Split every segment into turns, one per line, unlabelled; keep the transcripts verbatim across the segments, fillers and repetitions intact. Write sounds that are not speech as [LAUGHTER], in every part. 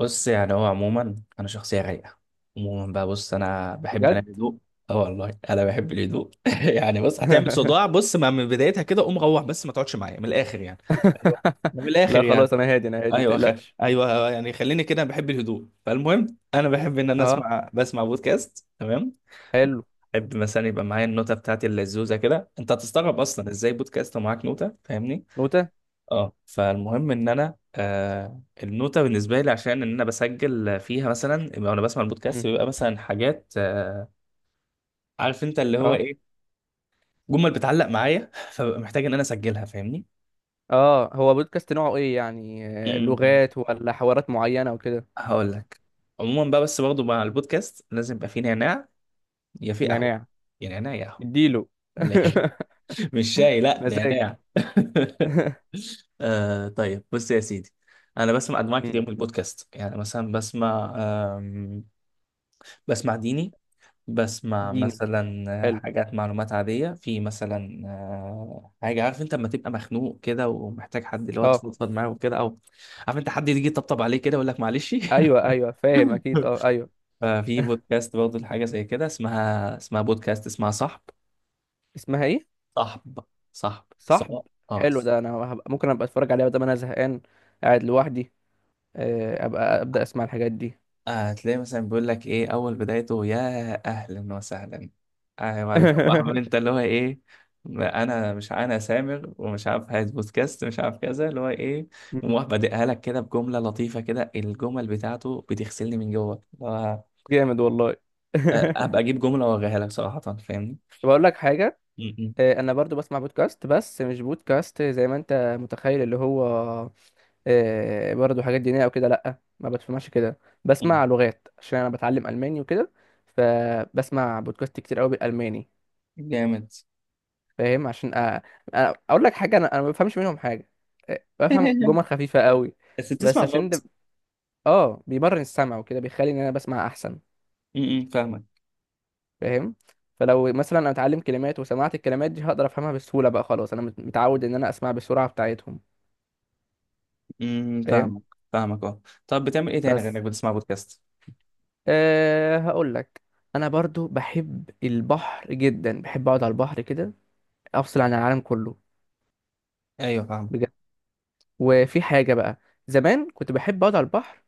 بص، يعني هو عموما انا شخصيه رايقه. عموما بقى، بص، انا بحب انا
بجد.
الهدوء. اه والله انا بحب الهدوء. [LAUGHS] يعني بص، هتعمل صداع.
[LAUGHS]
بص، ما من بدايتها كده قوم روح، بس ما تقعدش معايا، من الاخر يعني. ايوه، ده من الاخر
لا خلاص،
يعني.
انا هادي انا هادي ما
ايوه خ...
تقلقش.
ايوه، يعني خليني كده، بحب الهدوء. فالمهم، انا بحب ان انا
اه،
اسمع بسمع بودكاست. تمام.
حلو.
بحب مثلا يبقى معايا النوتة بتاعتي اللزوزة كده. انت هتستغرب اصلا ازاي بودكاست ومعاك نوتة، فاهمني.
نوتة.
اه، فالمهم ان انا آه النوته بالنسبه لي، عشان ان انا بسجل فيها، مثلا يبقى وانا بسمع
مم.
البودكاست بيبقى مثلا حاجات، آه عارف انت اللي هو
اه،
ايه، جمل بتعلق معايا. [LAUGHS] فببقى محتاج ان انا اسجلها، فاهمني.
اه، هو بودكاست نوعه ايه يعني؟ آه،
امم
لغات ولا حوارات معينة وكده.
هقول لك. عموما بقى، بس برضه مع البودكاست لازم يبقى فيه نعناع. يا في قهوه
نعناع.
يا نعناع يا قهوه،
اديله.
من الاخر.
[LAUGHS]
[LAUGHS] مش شاي، لا،
مزاج.
نعناع.
[LAUGHS]
[LAUGHS] آه طيب، بص يا سيدي، انا بسمع انواع
مم.
كتير من البودكاست. يعني مثلا بسمع، آم، بسمع ديني، بسمع
ديني.
مثلا
حلو.
حاجات معلومات عادية في، مثلا آه، حاجة عارف انت لما تبقى مخنوق كده ومحتاج حد اللي هو
اه،
تفضفض معاه وكده، او عارف انت حد يجي يطبطب عليه كده يقول لك معلش.
ايوه، ايوه، فاهم اكيد. اه، ايوه.
[LAUGHS] ففي بودكاست برضه لحاجة زي كده، اسمها اسمها بودكاست اسمها صاحب.
اسمها ايه؟
صاحب صاحب
صاحب.
صاحب. اه.
حلو ده، انا هبقى ممكن ابقى اتفرج عليها بدل ما انا زهقان قاعد لوحدي. آه، ابقى ابدا اسمع الحاجات دي.
آه هتلاقي مثلا بيقول لك ايه، اول بدايته، يا اهلا وسهلا. آه بعد كده بقى عمال انت اللي هو ايه، ما انا مش، انا سامر ومش عارف، عايز بودكاست مش عارف كذا، اللي هو ايه. ومروح
[LAUGHS]
بادئها لك كده بجمله لطيفه كده، الجمل بتاعته بتغسلني من جوه اللي هو،
جامد والله.
آه، هبقى اجيب
[LAUGHS]
جمله واوريها لك صراحه، فاهمني.
بقول لك حاجة.
م- م-
آه، أنا برضو بسمع بودكاست بس مش بودكاست زي ما أنت متخيل اللي هو آه، برضو حاجات دينية أو كده. لأ، ما بسمعش كده.
م.
بسمع لغات عشان أنا بتعلم ألماني وكده. فبسمع بودكاست كتير أوي بالألماني.
جامد.
فاهم عشان أ... أ- أقول لك حاجة. أنا أنا ما بفهمش منهم حاجة. آه، بفهم
[LAUGHS]
جمل خفيفة أوي.
بس
بس
بتسمع
عشان ده
غلط.
آه بيمرن السمع وكده بيخلي إن أنا بسمع أحسن.
م- م، فاهمك.
فاهم. فلو مثلا انا اتعلم كلمات وسمعت الكلمات دي هقدر افهمها بسهوله. بقى خلاص انا مت- متعود ان انا اسمع بالسرعه بتاعتهم.
م-
فاهم.
فاهمك. فاهمك، اه. طب بتعمل ايه تاني غير
بس
انك بتسمع بودكاست؟
أه هقول لك، انا برضو بحب البحر جدا، بحب اقعد على البحر كده افصل عن العالم كله.
ايوه فاهمك.
بجد. وفي حاجه بقى، زمان كنت بحب اقعد على البحر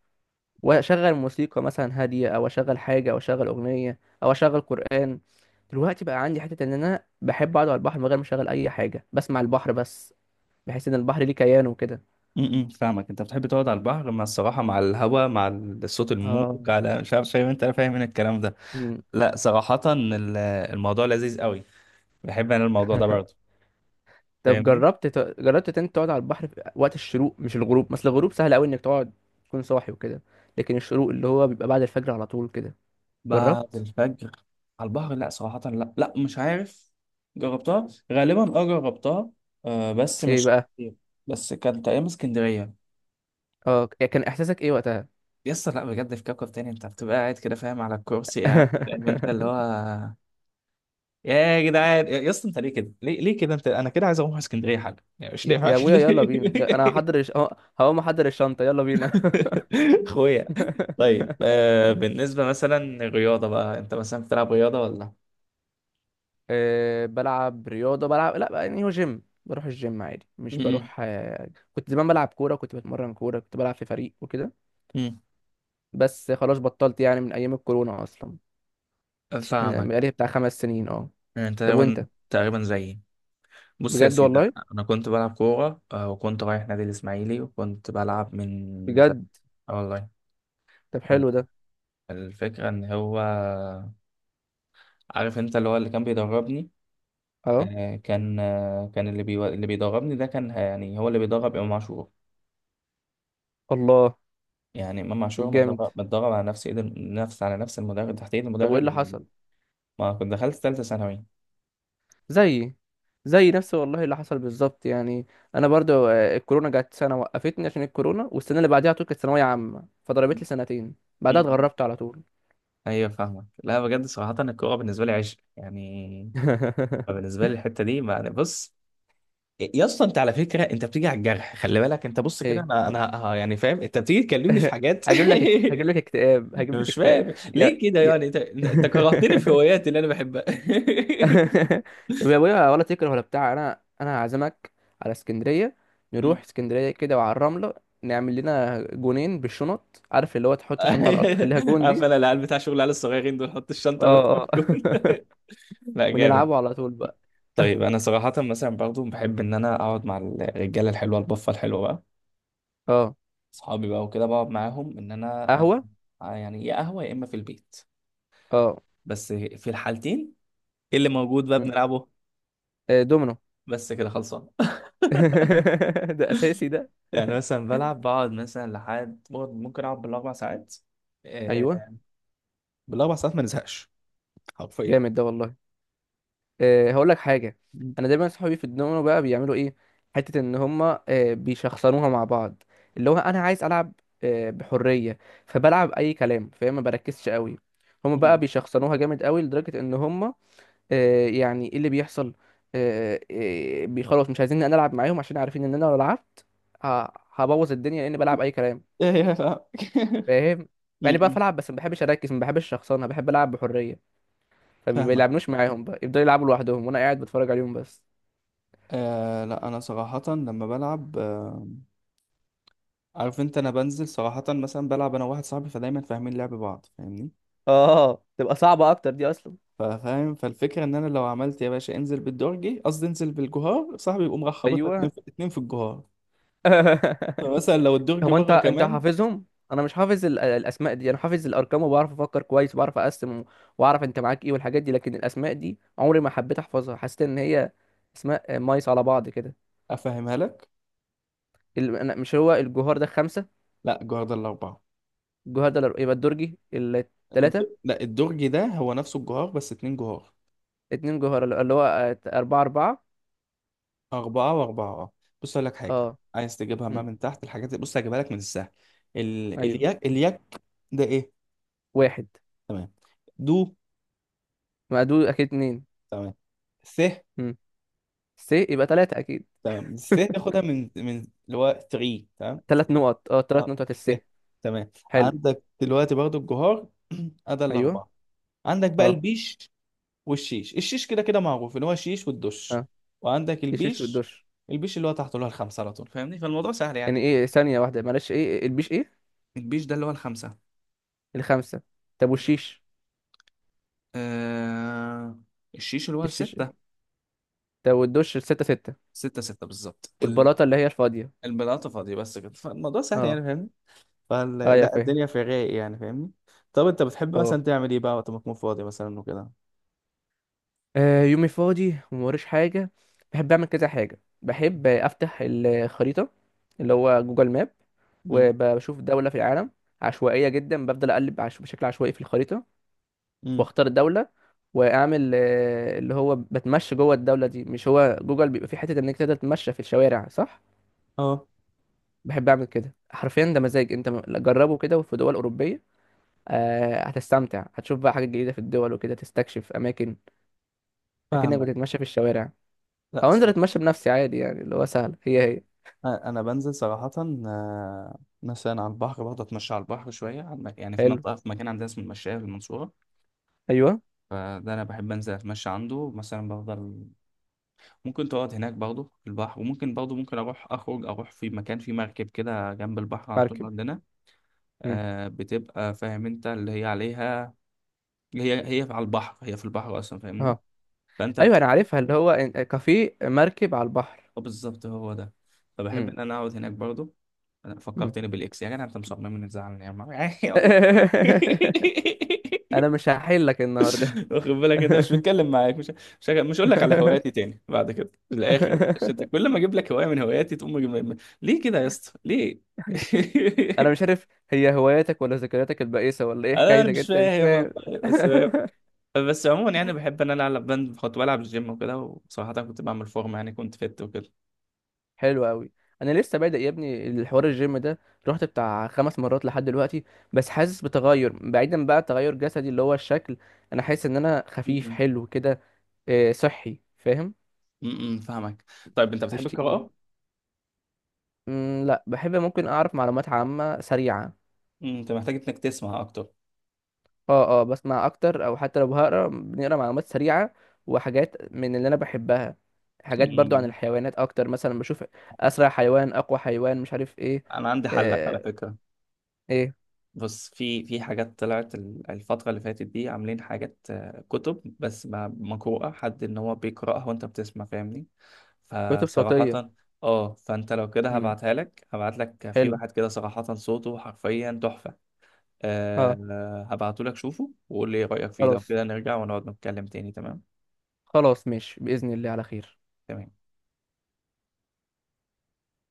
واشغل موسيقى مثلا هاديه او اشغل حاجه او اشغل اغنيه او اشغل قران. دلوقتي بقى عندي حته ان انا بحب اقعد على البحر من غير ما اشغل اي حاجه، بسمع البحر بس. بحس ان البحر ليه كيان وكده.
امم فاهمك. انت بتحب تقعد على البحر، مع الصراحه، مع الهواء، مع الصوت، الموج،
اه.
على مش عارف، فاهم انت فاهم من الكلام ده؟
مم.
لا صراحه، ال- الموضوع لذيذ قوي. بحب انا الموضوع ده
[LAUGHS]
برضه،
طب
فاهمني.
جربت ت- جربت إن انت تقعد على البحر في وقت الشروق مش الغروب؟ مثل الغروب سهل قوي انك تقعد تكون صاحي وكده، لكن الشروق اللي هو بيبقى بعد الفجر على طول كده.
بعد
جربت؟
الفجر على البحر؟ لا صراحه، لا لا، مش عارف. جربتها غالبا، اه جربتها. آه بس
ايه
مش
بقى؟
كتير. بس كانت ايام اسكندريه.
اه، كان احساسك ايه وقتها؟
يس، لا بجد في كوكب تاني، انت بتبقى قاعد كده فاهم، على الكرسي قاعد، فاهم انت اللي
[LAUGHS]
هو، يا جدعان، يا يا اسطى، انت ليه كده؟ ليه ليه كده، انت انا كده عايز اروح اسكندريه حاجه يعني، مش
يا
نافع
يا
كده.
ابويا يلا بينا يا- انا هحضر الش... اه، هقوم احضر الشنطة يلا بينا. [LAUGHS]
[LAUGHS] اخويا. طيب، آه بالنسبه مثلا الرياضه بقى، انت مثلا بتلعب رياضه ولا؟
آه، بلعب رياضة. بلعب لا بقى، يعني هو جيم بروح الجيم عادي مش
م-
بروح آه، كنت زمان بلعب كورة، كنت بتمرن كورة، كنت بلعب في فريق وكده.
م-
بس خلاص بطلت يعني من ايام الكورونا اصلا.
م.
من يعني
فاهمك.
بقالي بتاع خمس سنين. اه،
يعني انت
طب
تقريبا
وانت؟
تقريبا زيي. بص يا
بجد
سيدي،
والله.
انا كنت بلعب كوره، آه، وكنت رايح نادي الاسماعيلي، وكنت بلعب من زمان.
بجد.
اه والله.
طب
ال-
حلو ده.
الفكرة ان هو، عارف انت اللي هو اللي كان بيدربني،
اه.
آه، كان، آه، كان اللي بيو... اللي بيدربني ده كان، آه، يعني هو اللي بيدرب امام عاشور.
الله.
يعني امام عاشور
طب جامد.
متدرب متدرب على نفس ايد الم- نفس، على نفس المدرب، تحت ايد
طب وايه
المدرب
اللي
اللي-
حصل؟
ما كنت دخلت ثالثه ثانوي.
زيي. زي نفس والله اللي حصل بالظبط يعني. انا برضو آه، الكورونا جت سنه وقفتني عشان الكورونا، والسنه اللي بعديها على طول كانت ثانويه عامه فضربت لي سنتين. بعدها
مم.
اتغربت على طول.
ايوه فاهمك. لا بجد صراحه، الكوره بالنسبه لي عشق يعني.
[LAUGHS]
بالنسبه لي الحته دي، ما بص، يا اسطى انت على فكره انت بتيجي على الجرح، خلي بالك، انت بص كده،
ايه!
انا انا ه- يعني فاهم، انت بتيجي تكلمني في
[LAUGHS]
حاجات.
هجيب لك اكت... هجيب لك اكتئاب،
[LAUGHS]
هجيب لك
مش
اكتئاب.
فاهم ليه
يا،
كده،
يا.
يعني انت انت كرهتني في
[LAUGHS]
هواياتي اللي انا بحبها.
[LAUGHS] طب يا ابويا ولا تكره ولا بتاع، انا انا هعزمك على اسكندريه، نروح
[LAUGHS]
اسكندريه كده وعلى الرمله، نعمل لنا جونين بالشنط، عارف اللي هو تحط الشنطه على الارض تخليها
[LAUGHS]
جون
عارف
دي.
انا العيال بتاع شغل العيال الصغيرين دول، حط الشنطه
اه، اه.
وجول.
[LAUGHS]
[LAUGHS] لا جامد.
ونلعبه على طول بقى.
طيب
[LAUGHS]
انا صراحه مثلا برضو بحب ان انا اقعد مع الرجاله الحلوه، البفه الحلوه بقى،
اه،
اصحابي بقى وكده، بقعد معاهم ان انا، آه،
قهوه.
آه، يعني يا قهوه يا اما في البيت.
اه،
بس في الحالتين، إيه اللي موجود بقى
مم.
بنلعبه؟
آه، دومينو.
بس كده خلصان.
[LAUGHS] ده اساسي ده.
[LAUGHS] يعني
[LAUGHS]
مثلا بلعب، بقعد مثلا لحد بقعد- ممكن اقعد بالاربع ساعات، آه،
ايوه،
بالاربع ساعات ما نزهقش، حرفيا.
جامد ده والله. أه هقول لك حاجه.
م-
انا دايما صحابي في الدومينو بقى بيعملوا ايه، حته ان هما أه بيشخصنوها مع بعض. اللي هو انا عايز العب أه بحريه، فبلعب اي كلام فاهم، ما بركزش قوي. هما
م.
بقى بيشخصنوها جامد قوي لدرجه ان هما أه يعني ايه اللي بيحصل، أه أه بي- خلاص مش عايزين إن انا العب معاهم عشان عارفين ان انا لو لعبت ه- هبوظ الدنيا لاني بلعب اي كلام.
[LAUGHS] ايه يا، فاهمك.
فاهم؟
[LAUGHS]
يعني بقى
م- م.
بلعب بس ما بحبش اركز، ما بحبش شخصنة، بحب العب بحريه. فما
فاهمك.
بيلعبنوش معاهم بقى، يفضلوا يلعبوا لوحدهم وانا قاعد بتفرج عليهم بس.
آه لا انا صراحة لما بلعب، آه عارف انت، انا بنزل صراحة مثلا بلعب انا واحد صاحبي، فدايما فاهمين لعب بعض، فاهمني.
اه، تبقى صعبة اكتر دي اصلا.
ففاهم، فالفكرة ان انا لو عملت يا باشا انزل بالدرجي، قصدي انزل بالجهار، صاحبي يقوم راح خابطها اتنين
ايوه.
في اتنين في الجهار.
[LAUGHS]
فمثلا لو الدرج
هو انت
بره
انت
كمان،
حافظهم؟ انا مش حافظ ال- الاسماء دي. انا حافظ الارقام وبعرف افكر كويس وبعرف اقسم واعرف انت معاك ايه والحاجات دي، لكن الاسماء دي عمري ما حبيت احفظها. حسيت ان هي اسماء مايس على بعض كده.
افهمها لك.
ال- أنا- مش هو الجوهر ده خمسة؟
لا الجهار ده الاربعة.
الجوهر ده يبقى الدرجي
الد...
التلاتة.
لا الدرج ده هو نفسه الجهار، بس اتنين جهار.
اتنين جوهر اللي اللي هو آه، أربعة أربعة.
اربعة واربعة، اه. بص اقول لك حاجة.
اه،
عايز تجيبها ما
مم.
من تحت الحاجات دي، بص هجيبها لك من السهل. ال...
أيوه،
الياك، الياك ده ايه؟
واحد.
تمام. دو.
مقدود أكيد اتنين.
تمام. س.
مم. س يبقى تلاتة أكيد.
تمام. س
[LAUGHS]
ناخدها من من اللي هو تلاتة. تمام، س.
تلات نقط. اه، تلات
اه،
نقط الس.
س. تمام،
حلو.
عندك دلوقتي برضو الجهار. [CLEARS THROAT] ادي
ايوه.
الاربعه. عندك بقى
اه،
البيش، والشيش. الشيش كده كده معروف، اللي هو الشيش والدش.
اه.
وعندك
الشيش
البيش.
والدش.
البيش اللي هو تحته، اللي هو الخمسه على طول، فاهمني، فالموضوع سهل
يعني
يعني.
ايه؟ ثانية واحدة معلش، ايه البيش؟ ايه
البيش ده اللي هو الخمسه.
الخمسة؟ طب
مم.
والشيش؟
آه... الشيش اللي هو
الشيش.
السته.
طب والدش؟ الستة، ستة.
ستة ستة بالظبط. ال-
والبلاطة اللي هي الفاضية.
البلاطة فاضية، بس كده، فالموضوع سهل يعني،
اه،
فاهمني.
اه يا
فلا،
فاهم.
الدنيا في الرايق يعني، فاهمني. طب انت بتحب
اه.
مثلا تعمل ايه بقى وقت ما تكون فاضي مثلا وكده؟
آه، يومي فاضي وموريش حاجة، بحب أعمل كذا حاجة. بحب أفتح الخريطة، اللي هو جوجل ماب،
امم
وبشوف دولة في العالم عشوائية جدا. بفضل أقلب عش... بشكل عشوائي في الخريطة
امم
واختار الدوله، واعمل آه، اللي هو بتمشى جوه الدوله دي. مش هو جوجل بيبقى في حته انك تقدر تتمشى في الشوارع صح؟
اه
بحب اعمل كده. حرفيا ده مزاج. انت م- جربه كده في دول اوروبيه. آه، هتستمتع، هتشوف بقى حاجات جديده في الدول وكده، تستكشف اماكن اكنك
فاهمك.
بتتمشى في الشوارع.
لا
او انزل
صراحة،
اتمشى بنفسي عادي، يعني اللي هو سهل. هي هي.
أ- انا بنزل صراحة، آه، مثلا على البحر، بقعد اتمشى على البحر شوية، على المك- يعني في
حلو.
منطقة، في مكان عندنا اسمه المشاية في المنصورة.
ايوه.
فده انا بحب انزل اتمشى عنده مثلا، بفضل. ممكن تقعد هناك برضه في البحر، وممكن برضه ممكن اروح اخرج اروح في مكان في مركب كده جنب البحر عن طول
مركب.
عندنا.
امم.
آه، بتبقى فاهم انت اللي هي عليها، هي هي على البحر، هي في البحر اصلا، فاهمني.
اه،
فانت
ايوه
بت...
انا عارفها، اللي هو إن- آه، كافيه مركب على البحر.
آه بالظبط، هو ده. فبحب
امم.
ان انا اقعد هناك برضو. أنا
[LAUGHS] امم،
فكرتني بالاكس، يا جدع انت مصمم ان تزعلني يا عم. [LAUGHS] يعني يلا.
انا مش هحلك النهارده.
[LAUGHS] واخد بالك انت مش
[LAUGHS]
بتكلم، معاك مش، مش مش هقول لك على هواياتي
[LAUGHS]
تاني بعد كده، في الاخر، عشان أنت كل ما اجيب لك هوايه من هواياتي تقوم مجيب... ليه كده يا اسطى ليه؟
انا مش عارف هي هواياتك ولا ذكرياتك البائسه ولا
[LAUGHS]
ايه
انا
حكايتك؟
مش
انت مش
فاهم
فاهم.
والله.
[LAUGHS]
بس بس عموما يعني بحب ان انا العب بند، كنت بلعب الجيم وكده، وصراحه كنت بعمل فورمه، يعني كنت فت
حلو قوي. انا لسه بادئ يا ابني الحوار الجيم ده. رحت بتاع خمس مرات لحد دلوقتي. بس حاسس بتغير، بعيدا بقى تغير جسدي اللي هو الشكل. انا حاسس ان انا خفيف
وكده.
حلو كده. آه، صحي فاهم.
امم فاهمك. طيب انت بتحب
مش تقيل.
القراءة؟
مم، لا بحب ممكن اعرف معلومات عامه سريعه.
مم، انت محتاج انك تسمع اكتر.
اه، اه، بسمع اكتر او حتى لو هقرا، بنقرا معلومات سريعه وحاجات من اللي انا بحبها. حاجات برضو عن
مم.
الحيوانات اكتر، مثلا بشوف اسرع حيوان، اقوى حيوان، مش عارف ايه.
انا عندي حلك على
آه.
فكرة.
ايه؟
بص، في في حاجات طلعت ال- الفترة اللي فاتت دي، عاملين حاجات، آه، كتب، بس ما- مقروءة، حد ان هو بيقرأها وانت بتسمع، فاهمني.
كتب صوتيه.
فصراحة، اه، فانت لو كده
امم.
هبعتها لك، هبعت لك في
حلو.
واحد كده صراحة صوته حرفيا تحفة.
اه.
أه هبعته لك، شوفه وقول لي ايه رأيك فيه، لو
خلاص.
كده نرجع ونقعد نتكلم تاني، تمام؟
خلاص ماشي باذن الله على خير.
تمام.